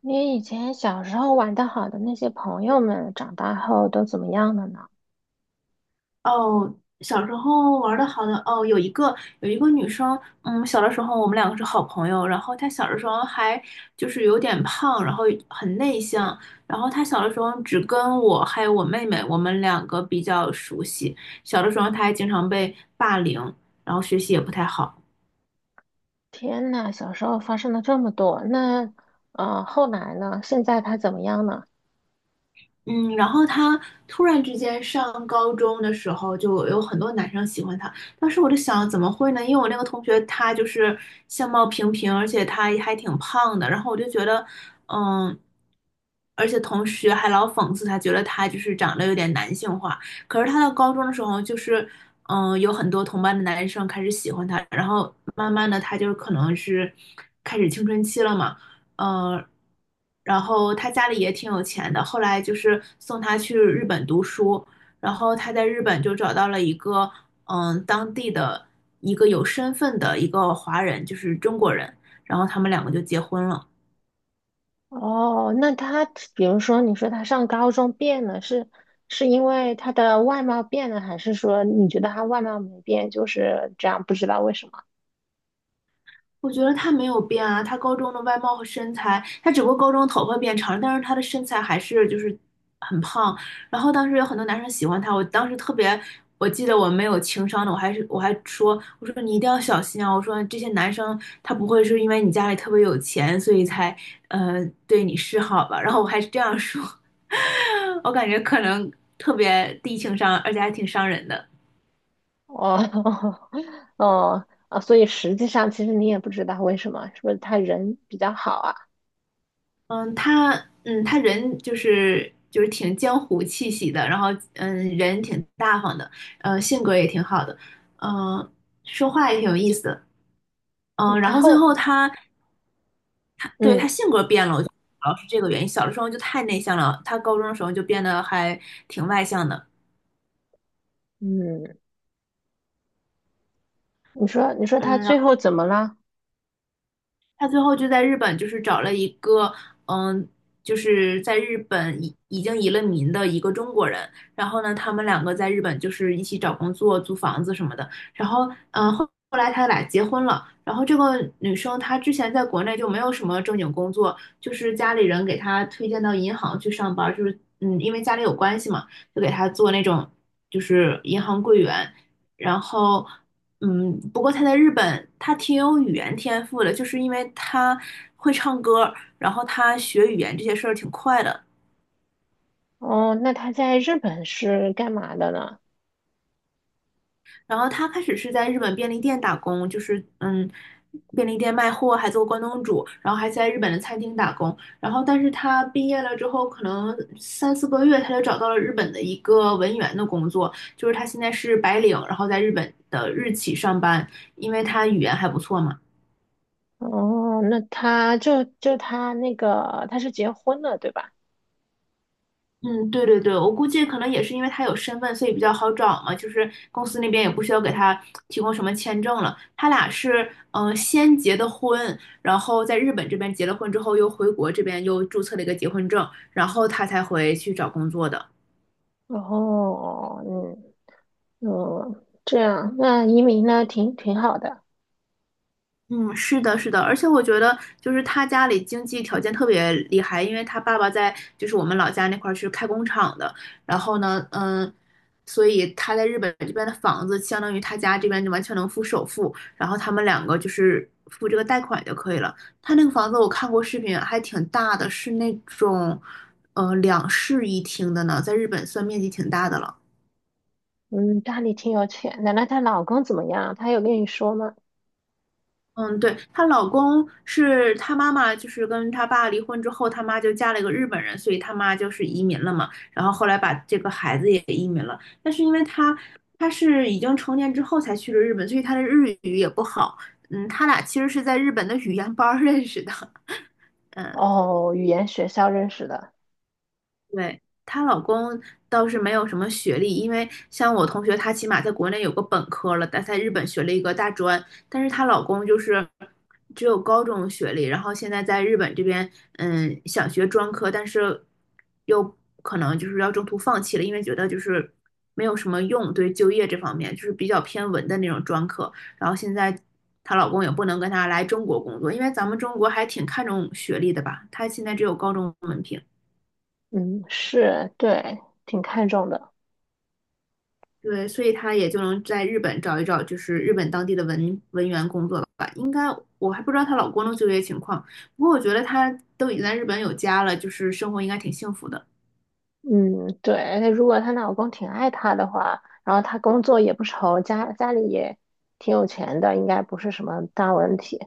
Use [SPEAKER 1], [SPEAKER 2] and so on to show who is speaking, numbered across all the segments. [SPEAKER 1] 你以前小时候玩得好的那些朋友们，长大后都怎么样了呢？
[SPEAKER 2] 哦，小时候玩的好的哦，有一个女生，嗯，小的时候我们两个是好朋友，然后她小的时候还就是有点胖，然后很内向，然后她小的时候只跟我还有我妹妹，我们两个比较熟悉，小的时候她还经常被霸凌，然后学习也不太好。
[SPEAKER 1] 天呐，小时候发生了这么多，那后来呢？现在他怎么样呢？
[SPEAKER 2] 嗯，然后他突然之间上高中的时候，就有很多男生喜欢他。当时我就想，怎么会呢？因为我那个同学他就是相貌平平，而且他还挺胖的。然后我就觉得，嗯，而且同学还老讽刺他，觉得他就是长得有点男性化。可是他到高中的时候，就是嗯，有很多同班的男生开始喜欢他，然后慢慢的他就可能是开始青春期了嘛。嗯，然后他家里也挺有钱的，后来就是送他去日本读书，然后他在日本就找到了一个嗯当地的一个有身份的一个华人，就是中国人，然后他们两个就结婚了。
[SPEAKER 1] 哦，那他比如说你说他上高中变了，是因为他的外貌变了，还是说你觉得他外貌没变，就是这样不知道为什么？
[SPEAKER 2] 我觉得她没有变啊，她高中的外貌和身材，她只不过高中头发变长了，但是她的身材还是就是很胖。然后当时有很多男生喜欢她，我当时特别，我记得我没有情商的，我还说，我说你一定要小心啊，我说这些男生他不会是因为你家里特别有钱，所以才对你示好吧？然后我还是这样说，我感觉可能特别低情商，而且还挺伤人的。
[SPEAKER 1] 哦。 哦啊，所以实际上其实你也不知道为什么，是不是他人比较好啊？
[SPEAKER 2] 嗯，他嗯，他人就是挺江湖气息的，然后嗯，人挺大方的，性格也挺好的，嗯、说话也挺有意思的，
[SPEAKER 1] 嗯
[SPEAKER 2] 然后最后他对他
[SPEAKER 1] 嗯
[SPEAKER 2] 性格变了，我觉得主要是这个原因。小的时候就太内向了，他高中的时候就变得还挺外向的，
[SPEAKER 1] 嗯。你说他
[SPEAKER 2] 嗯，
[SPEAKER 1] 最后怎么了？
[SPEAKER 2] 他最后就在日本，就是找了一个，嗯，就是在日本已经移了民的一个中国人。然后呢，他们两个在日本就是一起找工作、租房子什么的。然后，嗯，后来他俩结婚了。然后这个女生她之前在国内就没有什么正经工作，就是家里人给她推荐到银行去上班，就是嗯，因为家里有关系嘛，就给她做那种就是银行柜员。然后嗯，不过他在日本，他挺有语言天赋的，就是因为他会唱歌，然后他学语言这些事儿挺快的。
[SPEAKER 1] 哦，那他在日本是干嘛的呢？
[SPEAKER 2] 然后他开始是在日本便利店打工，就是嗯，便利店卖货，还做关东煮，然后还在日本的餐厅打工。然后，但是他毕业了之后，可能三四个月，他就找到了日本的一个文员的工作，就是他现在是白领，然后在日本的日企上班，因为他语言还不错嘛。
[SPEAKER 1] 哦，那他就就他那个他是结婚了，对吧？
[SPEAKER 2] 嗯，对对对，我估计可能也是因为他有身份，所以比较好找嘛。就是公司那边也不需要给他提供什么签证了。他俩是先结的婚，然后在日本这边结了婚之后，又回国这边又注册了一个结婚证，然后他才回去找工作的。
[SPEAKER 1] 哦，嗯嗯，这样，那移民呢，挺好的。
[SPEAKER 2] 嗯，是的，是的，而且我觉得就是他家里经济条件特别厉害，因为他爸爸在就是我们老家那块儿是开工厂的，然后呢，嗯，所以他在日本这边的房子相当于他家这边就完全能付首付，然后他们两个就是付这个贷款就可以了。他那个房子我看过视频，还挺大的，是那种两室一厅的呢，在日本算面积挺大的了。
[SPEAKER 1] 嗯，家里挺有钱。奶奶，她老公怎么样？她有跟你说吗？
[SPEAKER 2] 嗯，对，她老公是她妈妈，就是跟她爸离婚之后，她妈就嫁了一个日本人，所以她妈就是移民了嘛。然后后来把这个孩子也移民了，但是因为她是已经成年之后才去了日本，所以她的日语也不好。嗯，他俩其实是在日本的语言班儿认识的。嗯。
[SPEAKER 1] 哦，语言学校认识的。
[SPEAKER 2] 对，她老公倒是没有什么学历，因为像我同学，她起码在国内有个本科了，但在日本学了一个大专，但是她老公就是只有高中学历，然后现在在日本这边，嗯，想学专科，但是又可能就是要中途放弃了，因为觉得就是没有什么用，对就业这方面就是比较偏文的那种专科，然后现在。她老公也不能跟她来中国工作，因为咱们中国还挺看重学历的吧？她现在只有高中文凭。
[SPEAKER 1] 嗯，是，对，挺看重的。
[SPEAKER 2] 对，所以他也就能在日本找一找，就是日本当地的文员工作了吧。应该我还不知道她老公的就业情况，不过我觉得他都已经在日本有家了，就是生活应该挺幸福的。
[SPEAKER 1] 嗯，对，而且如果她老公挺爱她的话，然后她工作也不愁，家里也挺有钱的，应该不是什么大问题。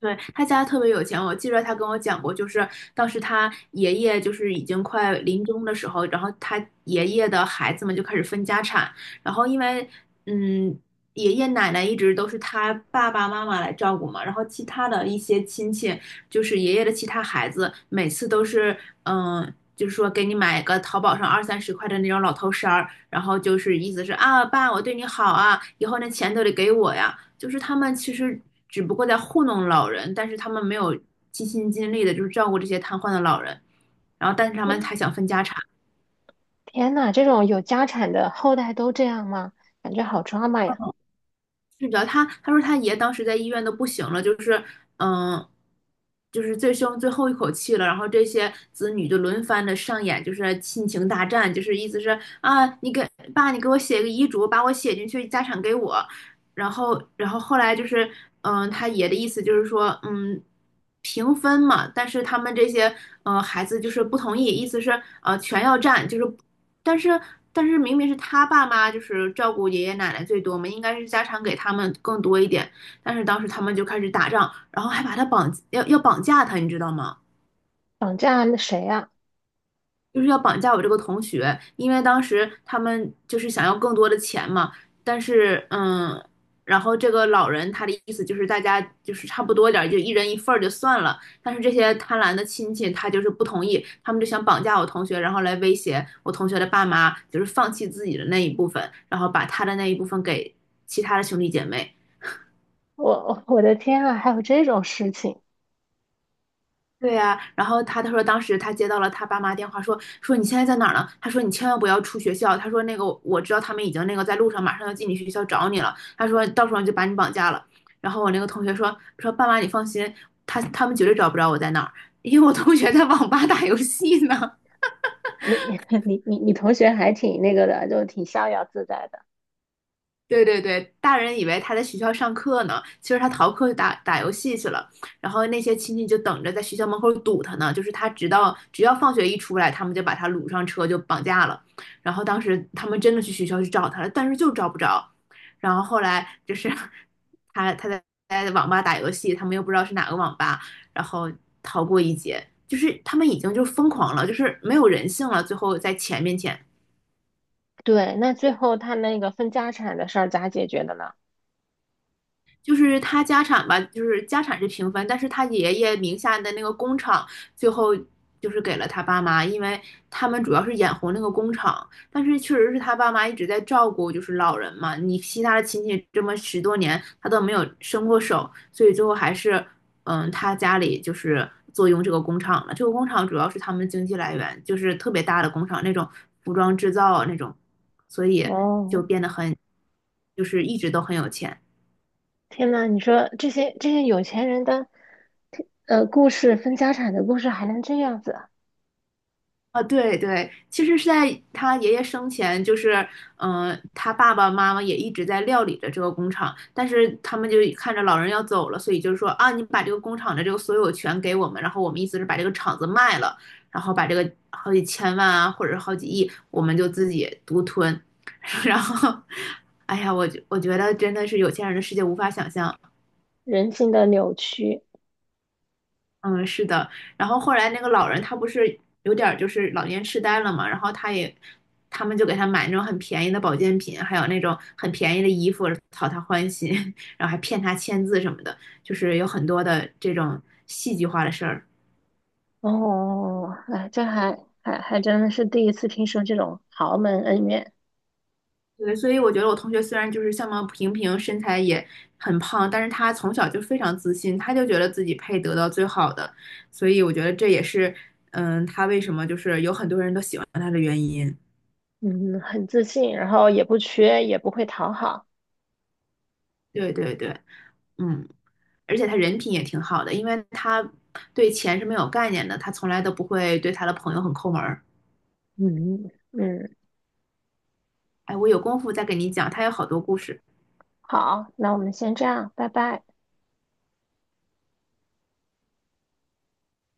[SPEAKER 2] 对，他家特别有钱，我记得他跟我讲过，就是当时他爷爷就是已经快临终的时候，然后他爷爷的孩子们就开始分家产，然后因为嗯，爷爷奶奶一直都是他爸爸妈妈来照顾嘛，然后其他的一些亲戚，就是爷爷的其他孩子，每次都是嗯。就是说，给你买个淘宝上二三十块的那种老头衫儿，然后就是意思是啊，爸，我对你好啊，以后那钱都得给我呀。就是他们其实只不过在糊弄老人，但是他们没有尽心尽力的，就是照顾这些瘫痪的老人，然后但是他们
[SPEAKER 1] 嗯
[SPEAKER 2] 还想分家产。
[SPEAKER 1] 天呐，这种有家产的后代都这样吗？感觉好抓马呀！
[SPEAKER 2] 是的，他说他爷当时在医院都不行了，就是嗯，就是最后一口气了，然后这些子女就轮番的上演，就是亲情大战，就是意思是啊，你给爸，你给我写个遗嘱，把我写进去，家产给我。然后，然后后来就是嗯，他爷的意思就是说，嗯，平分嘛，但是他们这些嗯，孩子就是不同意，意思是全要占，就是但是但是明明是他爸妈就是照顾爷爷奶奶最多嘛，应该是家产给他们更多一点。但是当时他们就开始打仗，然后还把他绑要要绑架他，你知道吗？
[SPEAKER 1] 绑架那谁呀？
[SPEAKER 2] 就是要绑架我这个同学，因为当时他们就是想要更多的钱嘛，但是嗯，然后这个老人他的意思就是大家就是差不多点儿，就一人一份儿就算了，但是这些贪婪的亲戚他就是不同意，他们就想绑架我同学，然后来威胁我同学的爸妈，就是放弃自己的那一部分，然后把他的那一部分给其他的兄弟姐妹。
[SPEAKER 1] 我的天啊，还有这种事情！
[SPEAKER 2] 对呀、然后他说当时他接到了他爸妈电话说，说你现在在哪儿呢？他说你千万不要出学校，他说那个我知道他们已经那个在路上，马上要进你学校找你了，他说到时候就把你绑架了。然后我那个同学说爸妈你放心，他们绝对找不着我在哪儿，因为我同学在网吧打游戏呢。
[SPEAKER 1] 你 你同学还挺那个的，就挺逍遥自在的。
[SPEAKER 2] 对对对，大人以为他在学校上课呢，其实他逃课去打游戏去了。然后那些亲戚就等着在学校门口堵他呢，就是他直到只要放学一出来，他们就把他掳上车就绑架了。然后当时他们真的去学校去找他了，但是就找不着。然后后来就是 他在在网吧打游戏，他们又不知道是哪个网吧，然后逃过一劫。就是他们已经就疯狂了，就是没有人性了。最后在钱面前，
[SPEAKER 1] 对，那最后他那个分家产的事儿咋解决的呢？
[SPEAKER 2] 就是他家产吧，就是家产是平分，但是他爷爷名下的那个工厂最后就是给了他爸妈，因为他们主要是眼红那个工厂，但是确实是他爸妈一直在照顾就是老人嘛，你其他的亲戚这么十多年他都没有伸过手，所以最后还是嗯他家里就是坐拥这个工厂了，这个工厂主要是他们的经济来源，就是特别大的工厂那种服装制造啊那种，所以就
[SPEAKER 1] 哦，
[SPEAKER 2] 变得很就是一直都很有钱。
[SPEAKER 1] 天呐，你说这些有钱人的，分家产的故事还能这样子啊。
[SPEAKER 2] 啊，对对，其实是在他爷爷生前，就是，嗯、他爸爸妈妈也一直在料理着这个工厂，但是他们就看着老人要走了，所以就是说啊，你把这个工厂的这个所有权给我们，然后我们意思是把这个厂子卖了，然后把这个好几千万啊，或者是好几亿，我们就自己独吞，然后，哎呀，我觉得真的是有钱人的世界无法想象。
[SPEAKER 1] 人性的扭曲。
[SPEAKER 2] 嗯，是的。然后后来那个老人他不是有点儿就是老年痴呆了嘛，然后他也，他们就给他买那种很便宜的保健品，还有那种很便宜的衣服，讨他欢心，然后还骗他签字什么的，就是有很多的这种戏剧化的事儿。
[SPEAKER 1] 哦，哎，这还真的是第一次听说这种豪门恩怨。
[SPEAKER 2] 对，所以我觉得我同学虽然就是相貌平平，身材也很胖，但是他从小就非常自信，他就觉得自己配得到最好的，所以我觉得这也是，嗯，他为什么就是有很多人都喜欢他的原因。
[SPEAKER 1] 嗯，很自信，然后也不缺，也不会讨好。
[SPEAKER 2] 对对对。嗯，而且他人品也挺好的，因为他对钱是没有概念的，他从来都不会对他的朋友很抠门儿。
[SPEAKER 1] 嗯嗯，
[SPEAKER 2] 哎，我有功夫再给你讲，他有好多故事。
[SPEAKER 1] 好，那我们先这样，拜拜。